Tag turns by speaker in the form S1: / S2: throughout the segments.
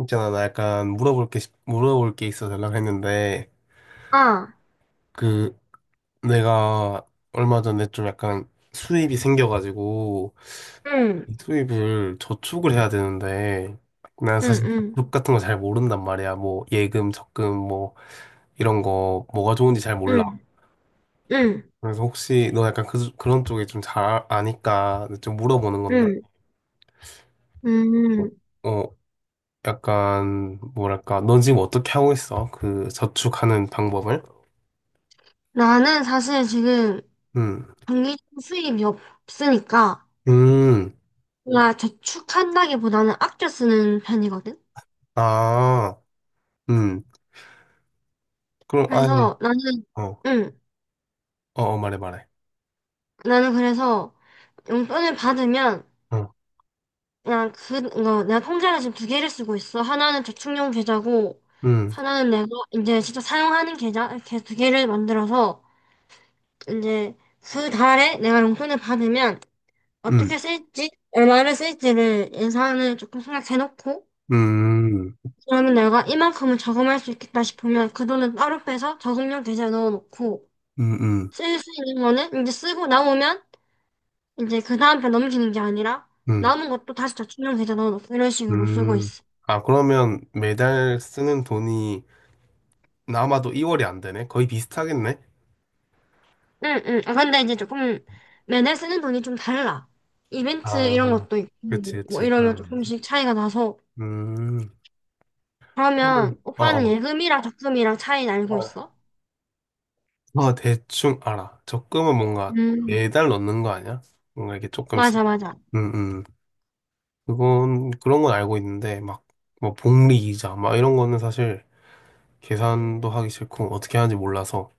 S1: 있잖아, 나 약간 물어볼 게 있어서 연락했는데,
S2: 아,
S1: 그, 내가 얼마 전에 좀 약간 수입이 생겨가지고,
S2: 응,
S1: 이 수입을 저축을 해야 되는데, 난
S2: 응,
S1: 사실
S2: 응,
S1: 저축 같은 거 잘 모른단 말이야. 뭐, 예금, 적금, 뭐, 이런 거, 뭐가 좋은지 잘 몰라.
S2: 응, 응,
S1: 그래서 혹시 너 약간 그, 그런 쪽에 좀 잘 아니까 좀 물어보는 건데,
S2: 응,
S1: 어,
S2: 음.
S1: 어, 약간, 뭐랄까, 넌 지금 어떻게 하고 있어? 그 저축하는 방법을?
S2: 나는 사실 지금
S1: 음.
S2: 정기적 수입이 없으니까
S1: 음.
S2: 나 저축한다기보다는 아껴 쓰는 편이거든.
S1: 아, 음. 그럼 아예
S2: 그래서 나는,
S1: 어, 어,
S2: 응,
S1: 말해 말해.
S2: 나는 그래서 용돈을 받으면
S1: 어,
S2: 그냥 그, 거 내가 통장을 지금 두 개를 쓰고 있어. 하나는 저축용 계좌고
S1: 음,
S2: 하나는 내가 이제 진짜 사용하는 계좌 이렇게 두 개를 만들어서 이제 그 달에 내가 용돈을 받으면
S1: 음,
S2: 어떻게 쓸지, 얼마를 쓸지를 예산을 조금 생각해놓고,
S1: 음,
S2: 그러면 내가 이만큼은 저금할 수 있겠다 싶으면 그 돈은 따로 빼서 저금용 계좌에 넣어놓고,
S1: 음, 음,
S2: 쓸 수 있는 거는 이제 쓰고 남으면 이제 그 다음 편 넘기는 게 아니라,
S1: 음,
S2: 남은 것도 다시 저축용 계좌 넣어놓고 이런 식으로 쓰고
S1: 음.
S2: 있어.
S1: 아, 그러면 매달 쓰는 돈이 남아도 이월이 안 되네? 거의 비슷하겠네?
S2: 응, 응. 아, 근데 이제 조금 매달 쓰는 돈이 좀 달라. 이벤트
S1: 아,
S2: 이런 것도
S1: 그렇
S2: 있고, 뭐
S1: 그
S2: 이러면
S1: 그러면 되지.
S2: 조금씩 차이가 나서,
S1: 음, 그러면,
S2: 그러면 오빠는 예금이랑 적금이랑 차이 알고 있어?
S1: 어, 대충 알아. 적금은 뭔가
S2: 음,
S1: 매달 넣는 거 아니야? 뭔가 이렇게 조금씩.
S2: 맞아, 맞아.
S1: 음, 음. 그건, 그런 건 알고 있는데, 막, 뭐, 복리 이자, 막 이런 거는 사실
S2: 음,
S1: 계산도 하기 싫고 어떻게 하는지 몰라서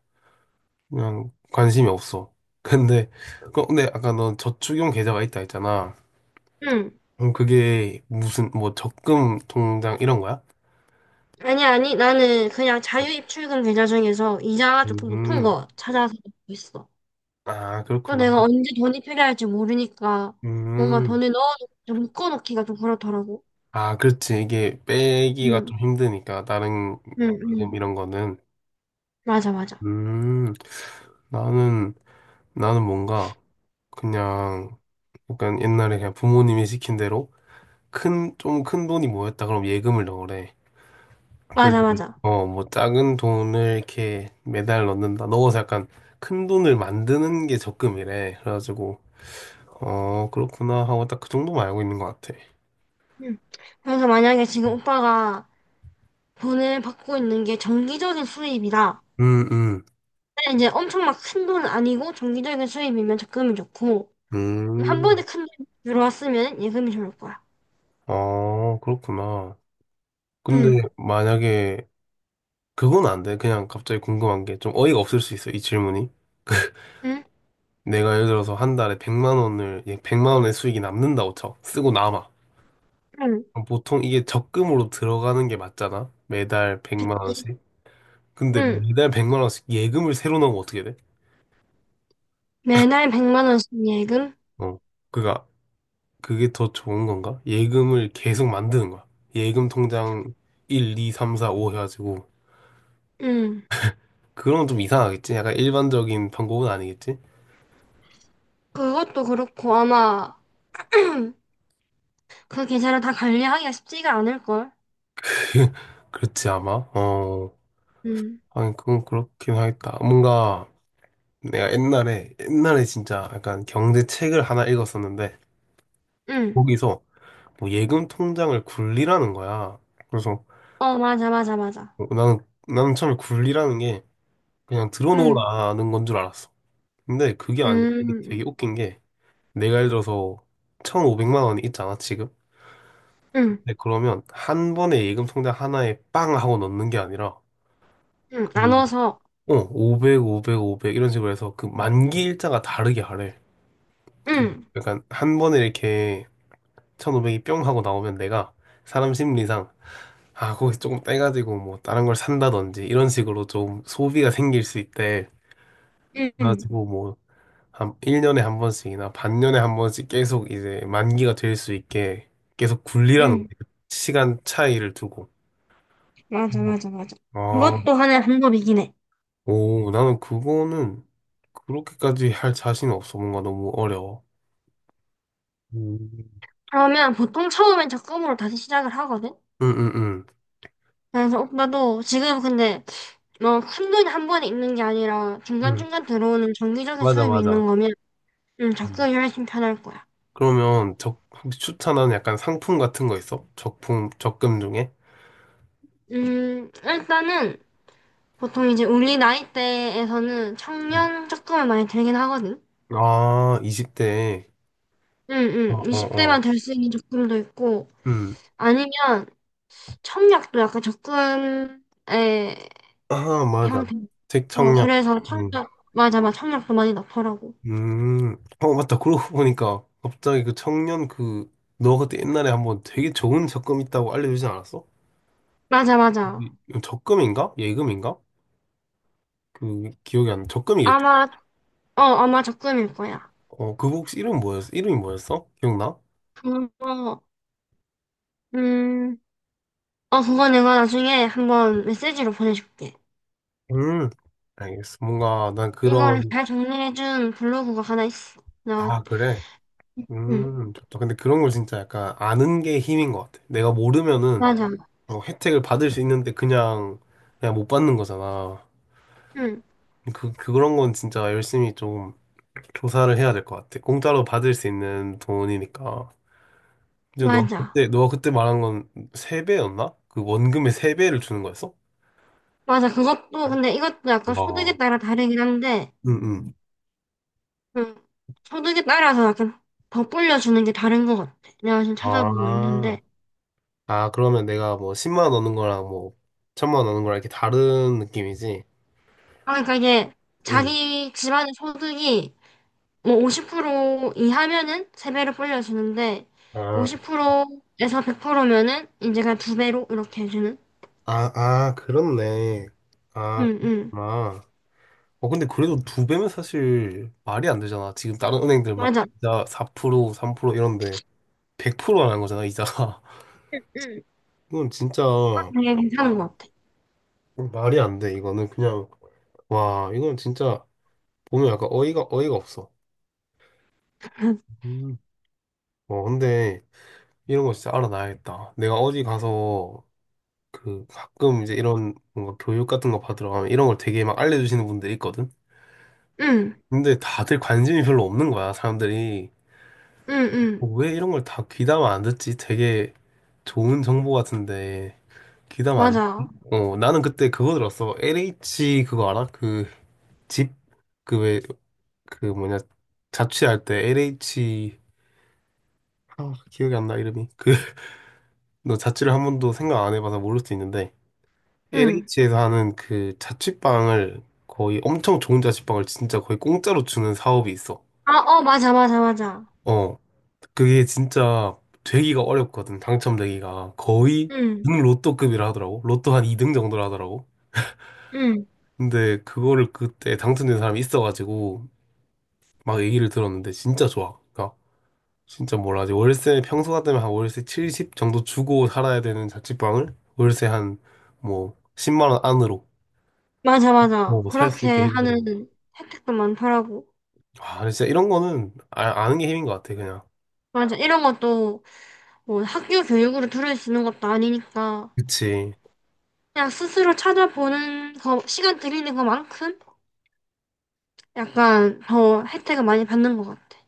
S1: 그냥 관심이 없어. 근데 근데 아까 넌 저축용 계좌가 있다 했잖아.
S2: 응.
S1: 그럼 그게 무슨 뭐 적금 통장 이런 거야?
S2: 아니, 아니, 나는 그냥 자유입출금 계좌 중에서 이자가 조금 높은
S1: 음,
S2: 거 찾아서 넣고 있어.
S1: 아,
S2: 또
S1: 그렇구나.
S2: 내가 언제 돈이 필요할지 모르니까 뭔가
S1: 음,
S2: 돈을 넣어놓고 좀 묶어놓기가 좀 그렇더라고.
S1: 아, 그렇지. 이게 빼기가
S2: 응,
S1: 좀 힘드니까, 다른
S2: 응,
S1: 이름
S2: 응.
S1: 이런 거는.
S2: 맞아, 맞아.
S1: 음, 나는, 나는 뭔가, 그냥, 약간 옛날에 그냥 부모님이 시킨 대로 큰, 좀 큰 돈이 모였다. 그럼 예금을 넣으래.
S2: 맞아,
S1: 그리고
S2: 맞아.
S1: 어, 뭐 작은 돈을 이렇게 매달 넣는다. 넣어서 약간 큰 돈을 만드는 게 적금이래. 그래가지고 어, 그렇구나 하고 딱 그 정도만 알고 있는 것 같아.
S2: 응. 그래서 만약에 지금 오빠가 돈을 받고 있는 게 정기적인 수입이다.
S1: 음, 음,
S2: 근데 이제 엄청 막 큰 돈은 아니고 정기적인 수입이면 적금이 좋고 한
S1: 음.
S2: 번에 큰 돈 들어왔으면 예금이 좋을 거야.
S1: 어, 그렇구나. 근데
S2: 응,
S1: 만약에 그건 안 돼. 그냥 갑자기 궁금한 게 좀 어이가 없을 수 있어. 이 질문이.
S2: 응,
S1: 내가 예를 들어서 한 달에 100만 원을 100만 원의 수익이 남는다고 쳐. 쓰고 남아.
S2: 응.
S1: 그럼 보통 이게 적금으로 들어가는 게 맞잖아. 매달 100만 원씩. 근데
S2: 응.
S1: 매달 100만 원씩 예금을 새로 넣으면 어떻게 돼?
S2: 매달 100만 원씩 예금?
S1: 어. 그니까 그게 더 좋은 건가? 예금을 계속 만드는 거야. 예금 통장 1, 2, 3, 4, 5 해가지고
S2: 응.
S1: 그런 건 좀 이상하겠지? 약간 일반적인 방법은 아니겠지?
S2: 그것도 그렇고 아마 그 계좌를 다 관리하기가 쉽지가 않을걸?
S1: 그렇지 아마. 어.
S2: 응.
S1: 아니 그건 그렇긴 하겠다. 뭔가 내가 옛날에 진짜 약간 경제 책을 하나 읽었었는데
S2: 응.
S1: 거기서 뭐 예금 통장을 굴리라는 거야. 그래서
S2: 어, 맞아, 맞아, 맞아.
S1: 어, 나는 나는 처음에 굴리라는 게 그냥
S2: 응.
S1: 들어놓으라는 건 줄 알았어. 근데 그게
S2: 음,
S1: 아니라
S2: 음,
S1: 이게 되게
S2: 음.
S1: 웃긴 게 내가 예를 들어서 1,500만 원이 있잖아, 지금.
S2: 응.
S1: 근데 그러면 한 번에 예금 통장 하나에 빵 하고 넣는 게 아니라
S2: 응.
S1: 그
S2: 나눠서.
S1: 어, 500, 500, 500 이런 식으로 해서 그 만기 일자가 다르게 하래. 그
S2: 응.
S1: 약간 한 번에 이렇게 1,500이 뿅 하고 나오면 내가 사람 심리상 아, 거기서 조금 떼가지고 뭐 다른 걸 산다든지 이런 식으로 좀 소비가 생길 수 있대.
S2: 응. 응.
S1: 그래가지고 뭐 한 1년에 한 번씩이나 반년에 한 번씩 계속 이제 만기가 될 수 있게 계속 굴리라는 거예요.
S2: 응.
S1: 시간 차이를 두고.
S2: 맞아, 맞아, 맞아.
S1: 아,
S2: 그것도 하나의 방법이긴 해.
S1: 오, 나는 그거는 그렇게까지 할 자신 없어. 뭔가 너무 어려워. 음.
S2: 그러면 보통 처음엔 적금으로 다시 시작을 하거든?
S1: 응, 응, 응.
S2: 그래서 오빠도 지금 근데 뭐 큰 돈이 한 번에 있는 게 아니라
S1: 응.
S2: 중간중간 들어오는 정기적인
S1: 맞아,
S2: 수입이
S1: 맞아.
S2: 있는 거면
S1: 음.
S2: 적성이 훨씬 편할 거야.
S1: 그러면 적, 혹시 추천하는 약간 상품 같은 거 있어? 적품, 적금 중에?
S2: 일단은 보통 이제 우리 나이대에서는
S1: 음.
S2: 청년 적금을 많이 들긴 하거든.
S1: 아, 20대.
S2: 응,
S1: 어,
S2: 응.
S1: 어,
S2: 20대만
S1: 어.
S2: 될 수 있는 적금도 있고,
S1: 음.
S2: 아니면 청약도 약간 적금의
S1: 아, 맞아.
S2: 형태.
S1: 책
S2: 어,
S1: 청약.
S2: 그래서 청약, 맞아, 맞아. 청약도 많이 넣더라고.
S1: 음, 어, 맞다. 그러고 보니까 갑자기 그 청년 그, 너 그때 옛날에 한번 되게 좋은 적금 있다고 알려주지 않았어?
S2: 맞아, 맞아.
S1: 이 적금인가? 예금인가? 그, 기억이 안 나. 적금이겠지?
S2: 아마, 아마 적금일 거야.
S1: 어, 그거 혹시 이름 뭐였어? 이름이 뭐였어? 기억나?
S2: 그거, 음, 어, 그거 내가 나중에 한번 메시지로 보내줄게.
S1: 음, 알겠어. 뭔가 난
S2: 이거를
S1: 그런,
S2: 잘 정리해준 블로그가 하나 있어. 나,
S1: 아, 그래?
S2: 응,
S1: 좋다. 근데 그런 걸 진짜 약간 아는 게 힘인 것 같아. 내가 모르면은
S2: 맞아.
S1: 어, 혜택을 받을 수 있는데 그냥, 그냥 못 받는 거잖아.
S2: 응,
S1: 그런 건 진짜 열심히 좀 조사를 해야 될 것 같아. 공짜로 받을 수 있는 돈이니까. 지금 너
S2: 맞아.
S1: 그때 너 그때 말한 건 세배였나그 원금의 세배를 주는 거였어?
S2: 맞아. 그것도, 근데 이것도 약간 소득에
S1: 와.
S2: 따라 다르긴 한데,
S1: 응응.
S2: 응, 소득에 따라서 약간 더 불려주는 게 다른 것 같아. 내가 지금 찾아보고
S1: 아.
S2: 있는데.
S1: 아, 그러면 내가 뭐 10만 원 넣는 거랑 뭐 1,000만 원 넣는 거랑 이렇게 다른 느낌이지?
S2: 아, 그러니까 이게
S1: 응.
S2: 자기 집안의 소득이 뭐 50% 이하면은 세배로 불려주는데,
S1: 아,
S2: 50%에서 100%면은 이제 그냥 두배로 이렇게 해주는?
S1: 아, 그렇네. 아,
S2: 응, 응.
S1: 아. 어, 근데 그래도 두 배면 사실 말이 안 되잖아. 지금 다른 은행들 막
S2: 맞아.
S1: 이자 4%, 3% 이런데 100%안 한 거잖아, 이자가.
S2: 응.
S1: 이건 진짜
S2: 되게 괜찮은 것 같아.
S1: 말이 안 돼. 이거는 그냥 와 이건 진짜 보면 약간 어이가 없어. 음, 어 근데 이런 거 진짜 알아놔야겠다. 내가 어디 가서 그 가끔 이제 이런 뭔가 교육 같은 거 받으러 가면 이런 걸 되게 막 알려주시는 분들이 있거든.
S2: 응.
S1: 근데 다들 관심이 별로 없는 거야. 사람들이
S2: 응,
S1: 어,
S2: 응,
S1: 왜 이런 걸 다 귀담아 안 듣지? 되게 좋은 정보 같은데 귀담아 안. 듣지?
S2: 맞아.
S1: 어 나는 그때 그거 들었어. LH 그거 알아? 그집그왜 그 뭐냐 자취할 때 LH 아, 기억이 안 나 이름이 그 너 자취를 한 번도 생각 안 해봐서 모를 수 있는데
S2: 응.
S1: LH에서 하는 그 자취방을 거의 엄청 좋은 자취방을 진짜 거의 공짜로 주는 사업이 있어.
S2: 아, 어, 맞아, 맞아, 맞아.
S1: 어 그게 진짜 되기가 어렵거든 당첨되기가 거의
S2: 응,
S1: 은 로또급이라 하더라고 로또 한 2등 정도라 하더라고.
S2: 응,
S1: 근데 그거를 그때 당첨된 사람이 있어가지고 막 얘기를 들었는데 진짜 좋아. 그러니까 진짜 몰라. 지 월세 평소 같으면 한 월세 70 정도 주고 살아야 되는 자취방을 월세 한 뭐 10만 원 안으로
S2: 맞아, 맞아.
S1: 뭐 살 수 있게
S2: 그렇게
S1: 해주더라고.
S2: 하는 혜택도 많더라고.
S1: 와, 근데 진짜 이런 거는 아, 아는 게 힘인 것 같아, 그냥.
S2: 맞아. 이런 것도 뭐 학교 교육으로 들을 수 있는 것도 아니니까
S1: 그치.
S2: 그냥 스스로 찾아보는 거, 시간 들이는 것만큼 약간 더 혜택을 많이 받는 것 같아.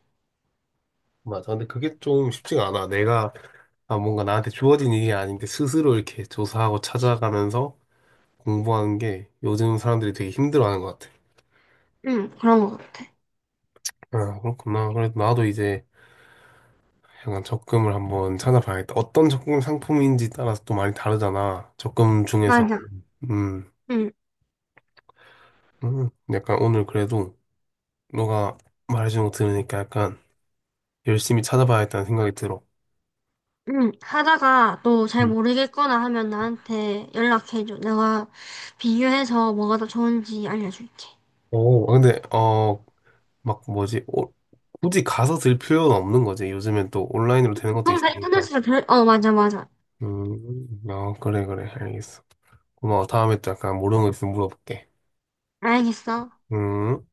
S1: 맞아. 근데 그게 좀 쉽지가 않아. 내가 아, 뭔가 나한테 주어진 일이 아닌데 스스로 이렇게 조사하고 찾아가면서 공부하는 게 요즘 사람들이 되게 힘들어하는 것 같아.
S2: 응, 그런 것 같아.
S1: 아, 그렇구나. 그래도 나도 이제 약간 적금을 한번 찾아봐야겠다. 어떤 적금 상품인지 따라서 또 많이 다르잖아. 적금 중에서
S2: 맞아.
S1: 음,
S2: 응,
S1: 약간 오늘 그래도 너가 말해주는 거 들으니까 약간 열심히 찾아봐야겠다는 생각이 들어.
S2: 응. 하다가 또 잘
S1: 음.
S2: 모르겠거나 하면 나한테 연락해줘. 내가 비교해서 뭐가 더 좋은지 알려줄게.
S1: 오, 아, 근데 어, 막 뭐지? 오, 굳이 가서 들 필요는 없는 거지. 요즘엔 또 온라인으로 되는 것도
S2: 형, 다
S1: 있으니까.
S2: 인터넷으로 맞아, 맞아.
S1: 아, 그래, 그래. 알겠어. 고마워. 다음에 또 약간 모르는 거 있으면 물어볼게.
S2: 알겠어.
S1: 음.